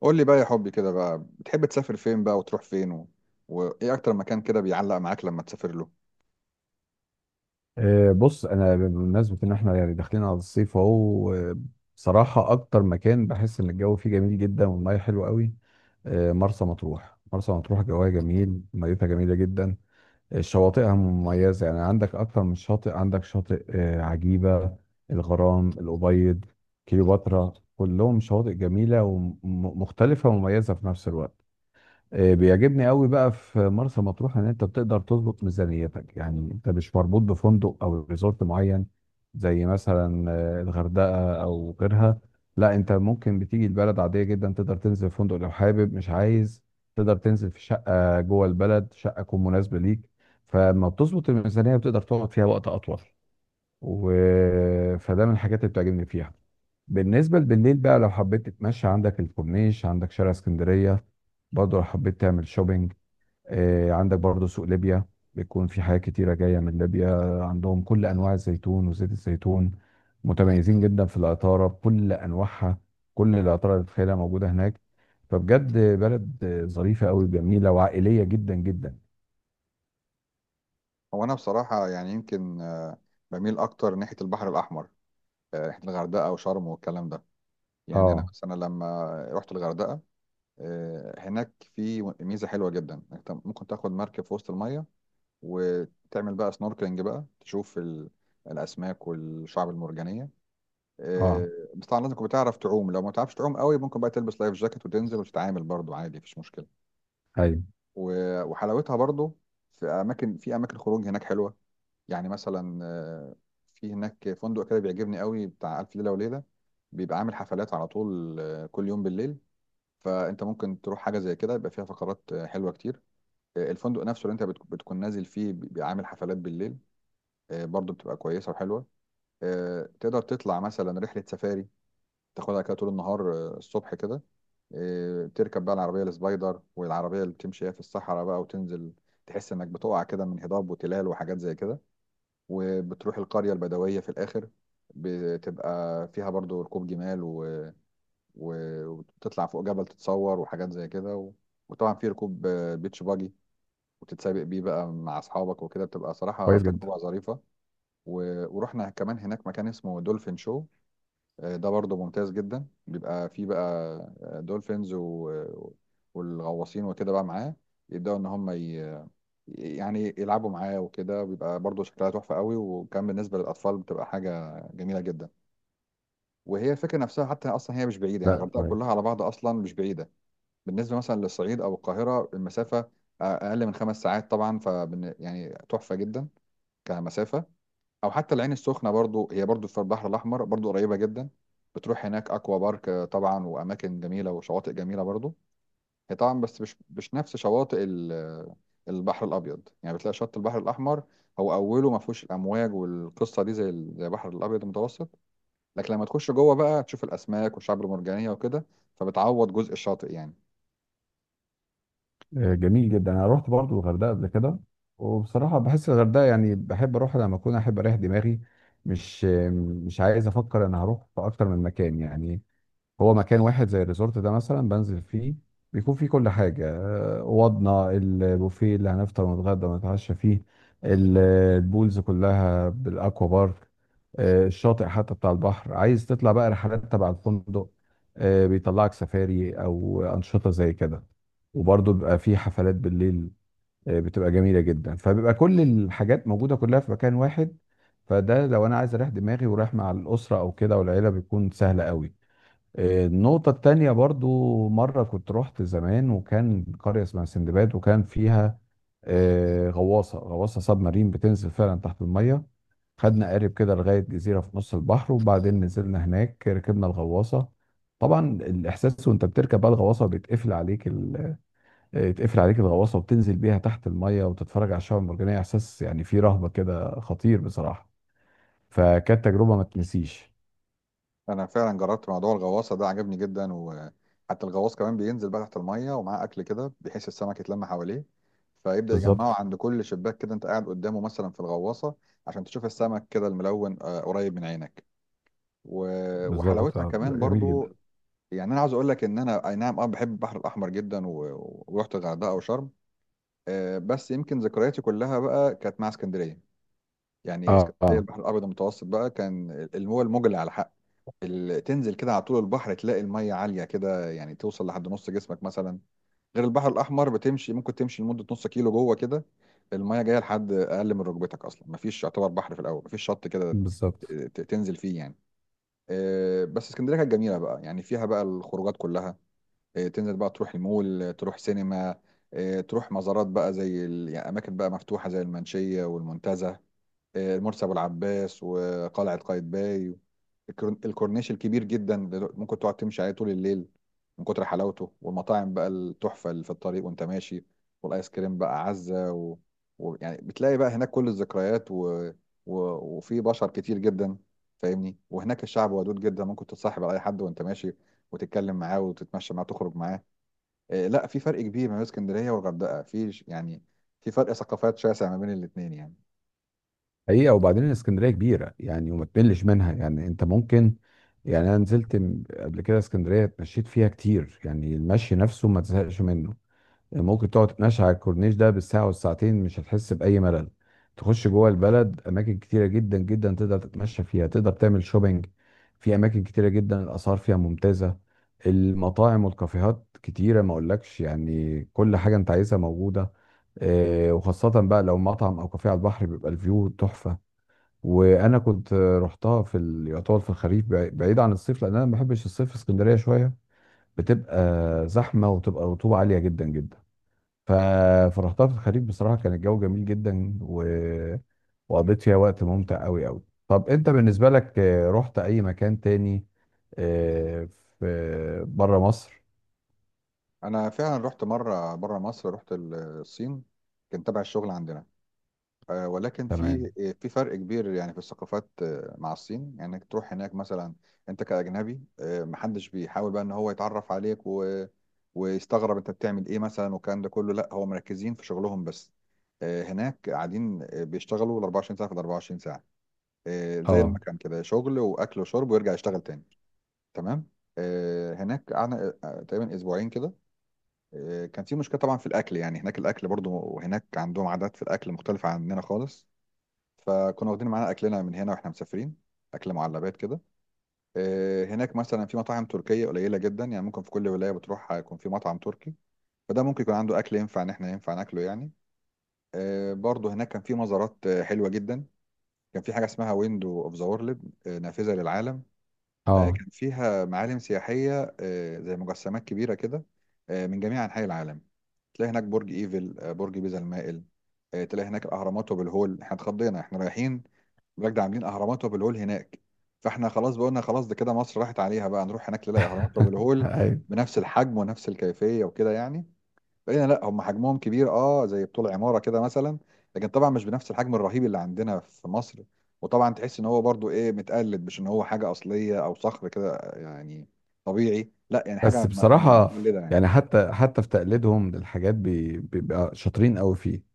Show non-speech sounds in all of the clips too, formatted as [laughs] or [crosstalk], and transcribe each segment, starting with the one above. قول لي بقى يا حبي كده بقى بتحب تسافر فين بقى وتروح فين وايه اكتر مكان كده بيعلق معاك لما تسافر له؟ بص انا بمناسبه ان احنا يعني داخلين على الصيف اهو بصراحه اكتر مكان بحس ان الجو فيه جميل جدا والميه حلوه قوي. مرسى مطروح، جواها جميل، ميتها جميله جدا. شواطئها مميزه، يعني عندك اكتر من شاطئ، عندك شاطئ عجيبه، الغرام الابيض، كليوباترا، كلهم شواطئ جميله ومختلفه ومميزه في نفس الوقت. بيعجبني قوي بقى في مرسى مطروح ان انت بتقدر تظبط ميزانيتك، يعني انت مش مربوط بفندق او ريزورت معين زي مثلا الغردقه او غيرها. لا، انت ممكن بتيجي البلد عاديه جدا، تقدر تنزل في فندق لو حابب، مش عايز تقدر تنزل في شقه جوه البلد، شقه تكون مناسبه ليك. فلما بتظبط الميزانيه بتقدر تقعد فيها وقت اطول و... فده من الحاجات اللي بتعجبني فيها. بالنسبة بالليل بقى لو حبيت تتمشى، عندك الكورنيش، عندك شارع اسكندرية. برضه لو حبيت تعمل شوبينج، عندك برضه سوق ليبيا، بيكون في حاجات كتيرة جاية من ليبيا. عندهم كل أنواع الزيتون وزيت الزيتون، متميزين جدا في العطارة بكل أنواعها، كل العطارة اللي تتخيلها موجودة هناك. فبجد بلد ظريفة أوي، جميلة وعائلية جدا جدا. هو انا بصراحة يعني يمكن بميل اكتر ناحية البحر الاحمر، ناحية الغردقة وشرم والكلام ده. يعني انا اه. مثلا لما رحت الغردقة، هناك في ميزة حلوة جدا، انت ممكن تاخد مركب في وسط المية وتعمل بقى سنوركلينج بقى تشوف الاسماك والشعب المرجانية. اه. آه، بس طبعا لازم تكون بتعرف تعوم، لو ما تعرفش تعوم قوي ممكن بقى تلبس لايف جاكيت وتنزل وتتعامل برضو عادي، مفيش مشكلة. ايوه. و- وحلاوتها برضو في اماكن خروج هناك حلوه. يعني مثلا في هناك فندق كده بيعجبني قوي بتاع الف ليله وليله، بيبقى عامل حفلات على طول كل يوم بالليل. فانت ممكن تروح حاجه زي كده يبقى فيها فقرات حلوه كتير. الفندق نفسه اللي انت بتكون نازل فيه بيبقى عامل حفلات بالليل، برضو بتبقى كويسه وحلوه. تقدر تطلع مثلا رحله سفاري تاخدها كده طول النهار، الصبح كده. إيه، تركب بقى العربية السبايدر والعربية اللي بتمشي هي في الصحراء بقى وتنزل، تحس انك بتقع كده من هضاب وتلال وحاجات زي كده، وبتروح القرية البدوية في الآخر، بتبقى فيها برضو ركوب جمال و... و... وتطلع فوق جبل تتصور وحاجات زي كده وطبعا في ركوب بيتش باجي وتتسابق بيه بقى مع أصحابك وكده، بتبقى صراحة كويس جدا. تجربة ظريفة. ورحنا كمان هناك مكان اسمه دولفين شو، ده برضه ممتاز جدا، بيبقى فيه بقى دولفينز والغواصين وكده بقى معاه يبدأوا إن هم يعني يلعبوا معاه وكده، وبيبقى برضه شكلها تحفة قوي، وكان بالنسبة للأطفال بتبقى حاجة جميلة جدا. وهي الفكرة نفسها حتى أصلا هي مش بعيدة، يعني لا، الغردقة كويس. كلها على بعض أصلا مش بعيدة بالنسبة مثلا للصعيد أو القاهرة. المسافة أقل من 5 ساعات طبعا، ف يعني تحفة جدا كمسافة. او حتى العين السخنه برضو هي برضو في البحر الاحمر، برضو قريبه جدا، بتروح هناك اكوا بارك، طبعا واماكن جميله وشواطئ جميله برضو. هي طبعا بس مش نفس شواطئ البحر الابيض، يعني بتلاقي شط البحر الاحمر هو اوله ما فيهوش الامواج والقصه دي زي زي البحر الابيض المتوسط، لكن لما تخش جوه بقى تشوف الاسماك والشعب المرجانيه وكده، فبتعوض جزء الشاطئ يعني. جميل جدا، انا رحت برضو الغردقه قبل كده، وبصراحه بحس الغردقه يعني بحب اروح لما اكون احب اريح دماغي. مش آه، مش عايز افكر انا هروح في اكتر من مكان، يعني هو مكان واحد زي الريزورت ده مثلا بنزل فيه، بيكون فيه كل حاجة. اوضنا، البوفيه اللي هنفطر ونتغدى ونتعشى فيه، ال- البولز كلها، بالاكوا بارك، الشاطئ حتى بتاع البحر. عايز تطلع بقى رحلات تبع الفندق، بيطلعك سفاري او انشطة زي كده. وبرضه بيبقى فيه حفلات بالليل بتبقى جميلة جدا، فبيبقى كل الحاجات موجودة كلها في مكان واحد. فده لو انا عايز اريح دماغي ورايح مع الاسرة او كده والعيلة بيكون سهل قوي. النقطة التانية، برضو مرة كنت رحت زمان وكان قرية اسمها سندباد، وكان فيها غواصة سب مارين بتنزل فعلا تحت المية. خدنا قارب كده لغاية جزيرة في نص البحر، وبعدين نزلنا هناك ركبنا الغواصة. طبعا الإحساس وأنت بتركب بقى الغواصة، بيتقفل عليك ال... آه، يتقفل عليك الغواصة، وبتنزل بيها تحت المية وتتفرج على الشعاب المرجانية. إحساس يعني فيه رهبة كده، خطير بصراحة، فكانت تجربة ما تنسيش. انا فعلا جربت موضوع الغواصه ده، عجبني جدا. وحتى الغواص كمان بينزل بقى تحت الميه ومعاه اكل كده بحيث السمك يتلم حواليه، فيبدا يجمعه بالظبط. عند كل شباك كده انت قاعد قدامه مثلا في الغواصه عشان تشوف السمك كده الملون، قريب من عينك. و- بالظبط، وحلاوتها كمان جميل جدا. برضو. يعني انا عاوز اقول لك ان انا اي نعم اه بحب البحر الاحمر جدا، و- ورحت الغردقه وشرم. بس يمكن ذكرياتي كلها بقى كانت مع اسكندريه. يعني اه. اسكندريه آه. البحر الابيض المتوسط بقى كان المول المجلي على حق. تنزل كده على طول البحر تلاقي المية عالية كده، يعني توصل لحد نص جسمك مثلا، غير البحر الأحمر بتمشي، ممكن تمشي لمدة نص كيلو جوه كده، المية جاية لحد أقل من ركبتك، أصلا مفيش، يعتبر بحر في الأول مفيش شط كده بالظبط. تنزل فيه يعني. بس اسكندرية كانت جميلة بقى، يعني فيها بقى الخروجات كلها. تنزل بقى تروح المول، تروح سينما، تروح مزارات بقى زي يعني أماكن بقى مفتوحة زي المنشية والمنتزه، مرسي ابو العباس وقلعه قايتباي. الكورنيش الكبير جدا اللي ممكن تقعد تمشي عليه طول الليل من كتر حلاوته، والمطاعم بقى التحفه اللي في الطريق وانت ماشي، والايس كريم بقى عزه يعني بتلاقي بقى هناك كل الذكريات و... وفي بشر كتير جدا، فاهمني. وهناك الشعب ودود جدا، ممكن تتصاحب على اي حد وانت ماشي وتتكلم معاه وتتمشى معاه تخرج معاه. لا، في فرق كبير ما بين اسكندريه والغردقه في يعني في فرق ثقافات شاسع ما بين الاثنين يعني. حقيقة، وبعدين اسكندرية كبيرة يعني وما تملش منها. يعني انت ممكن، يعني انا نزلت قبل كده اسكندرية اتمشيت فيها كتير، يعني المشي نفسه ما تزهقش منه. يعني ممكن تقعد تتمشى على الكورنيش ده بالساعة والساعتين، مش هتحس بأي ملل. تخش جوه البلد أماكن كتيرة جدا جدا تقدر تتمشى فيها، تقدر تعمل شوبينج في أماكن كتيرة جدا، الأسعار فيها ممتازة. المطاعم والكافيهات كتيرة ما أقولكش، يعني كل حاجة أنت عايزها موجودة. وخاصة بقى لو مطعم أو كافيه على البحر، بيبقى الفيو تحفة. وأنا كنت رحتها في يعتبر في الخريف، بعيد عن الصيف، لأن أنا ما بحبش الصيف في اسكندرية شوية. بتبقى زحمة وتبقى رطوبة عالية جدا جدا. ف... فرحتها في الخريف، بصراحة كان الجو جميل جدا وقضيت فيها وقت ممتع قوي قوي. طب انت بالنسبة لك رحت اي مكان تاني آه، في بره مصر؟ انا فعلا رحت مره بره مصر، رحت الصين، كان تبع الشغل عندنا. ولكن في تمام. في فرق كبير يعني في الثقافات مع الصين. يعني انك تروح هناك مثلا انت كاجنبي، محدش بيحاول بقى ان هو يتعرف عليك ويستغرب انت بتعمل ايه مثلا والكلام ده كله، لا هو مركزين في شغلهم بس. هناك قاعدين بيشتغلوا ال 24 ساعه في ال 24 ساعه. زي اه. المكان كده، شغل واكل وشرب ويرجع يشتغل تاني. تمام. هناك قعدنا تقريبا اسبوعين كده. كان في مشكله طبعا في الاكل، يعني هناك الاكل برضو وهناك عندهم عادات في الاكل مختلفه عننا خالص، فكنا واخدين معانا اكلنا من هنا واحنا مسافرين، اكل معلبات كده. هناك مثلا في مطاعم تركيه قليله جدا، يعني ممكن في كل ولايه بتروح هيكون في مطعم تركي، فده ممكن يكون عنده اكل ينفع ان احنا ينفع ناكله يعني. برضو هناك كان في مزارات حلوه جدا، كان في حاجه اسمها ويندو اوف ذا وورلد، نافذه للعالم. اه. كان فيها معالم سياحيه زي مجسمات كبيره كده من جميع انحاء العالم. تلاقي هناك برج ايفل، برج بيزا المائل، تلاقي هناك اهرامات وابو الهول، احنا اتخضينا احنا رايحين بجد عاملين اهرامات وابو الهول هناك. فاحنا خلاص بقولنا خلاص ده كده مصر راحت عليها بقى، نروح هناك نلاقي اهرامات وابو الهول ايوه. بنفس الحجم ونفس الكيفيه وكده يعني. لقينا لا، هم حجمهم كبير اه، زي بطول عماره كده مثلا، لكن طبعا مش بنفس الحجم الرهيب اللي عندنا في مصر. وطبعا تحس ان هو برضو ايه، متقلد، مش ان هو حاجه اصليه او صخر كده، يعني طبيعي، لا، يعني حاجه بس بصراحة مقلده يعني. يعني، حتى في تقليدهم للحاجات بيبقى شاطرين قوي فيه.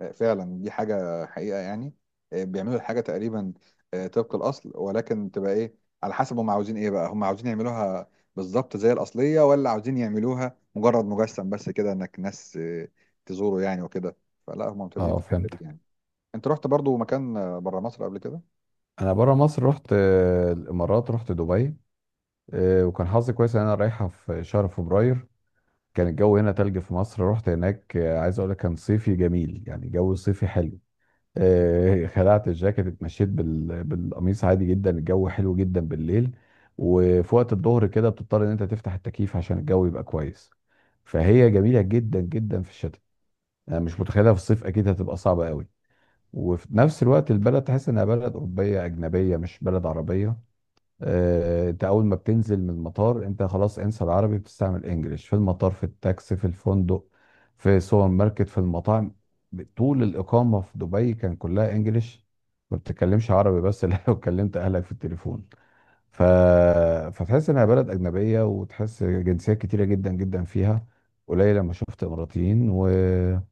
فعلا دي حاجة حقيقة يعني. بيعملوا الحاجة تقريبا طبق الأصل، ولكن تبقى إيه على حسب هم عاوزين إيه بقى، هم عاوزين يعملوها بالظبط زي الأصلية، ولا عاوزين يعملوها مجرد مجسم بس كده إنك ناس تزوره يعني وكده. فلا هم ممتازين اه، في الحتة دي فهمتك. يعني. أنت رحت برضو مكان بره مصر قبل كده؟ انا بره مصر رحت الامارات، رحت دبي. وكان حظي كويس ان انا رايحة في شهر فبراير. كان الجو هنا تلج في مصر، رحت هناك عايز اقول لك كان صيفي جميل، يعني جو صيفي حلو. [laughs] خلعت الجاكيت، اتمشيت بالقميص عادي جدا، الجو حلو جدا بالليل. وفي وقت الظهر كده بتضطر ان انت تفتح التكييف عشان الجو يبقى كويس. فهي جميلة جدا جدا في الشتاء، انا مش متخيلها في الصيف، اكيد هتبقى صعبة قوي. وفي نفس الوقت البلد تحس انها بلد اوروبية اجنبية مش بلد عربية. انت اول ما بتنزل من المطار انت خلاص انسى العربي، بتستعمل انجليش في المطار، في التاكسي، في الفندق، في السوبر ماركت، في المطاعم. طول الاقامه في دبي كان كلها انجليش، ما بتتكلمش عربي بس [laughs] الا لو كلمت اهلك في التليفون. ف... فتحس انها بلد اجنبيه، وتحس جنسيات كتيره جدا جدا فيها، قليل لما شفت اماراتيين. وفيها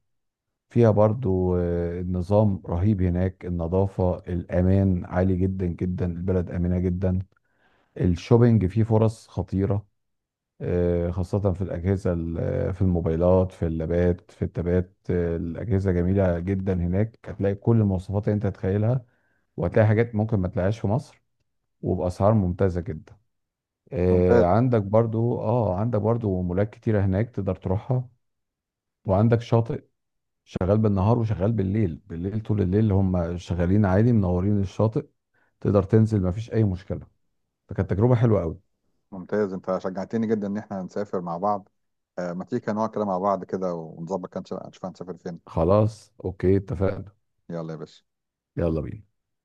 برضو النظام رهيب هناك، النظافه، الامان عالي جدا جدا، البلد امنه جدا. الشوبينج فيه فرص خطيرة خاصة في الأجهزة، في الموبايلات، في اللابات، في التابات. الأجهزة جميلة جدا هناك، هتلاقي كل المواصفات اللي أنت تتخيلها، وهتلاقي حاجات ممكن ما تلاقيهاش في مصر، وبأسعار ممتازة جدا. ممتاز. عندك برضو، اه عندك برضو مولات كتيرة هناك تقدر تروحها. وعندك شاطئ شغال بالنهار وشغال بالليل، بالليل طول الليل هم شغالين عادي منورين الشاطئ، تقدر تنزل مفيش أي مشكلة. فكانت تجربة حلوة قوي. ممتاز، أنت شجعتني جدا إن إحنا نسافر مع بعض، ما تيجي كده نقعد كده مع بعض كده ونظبط كده، نشوف هنسافر فين. خلاص، اوكي، اتفقنا. يلا يا باشا. يلا بينا.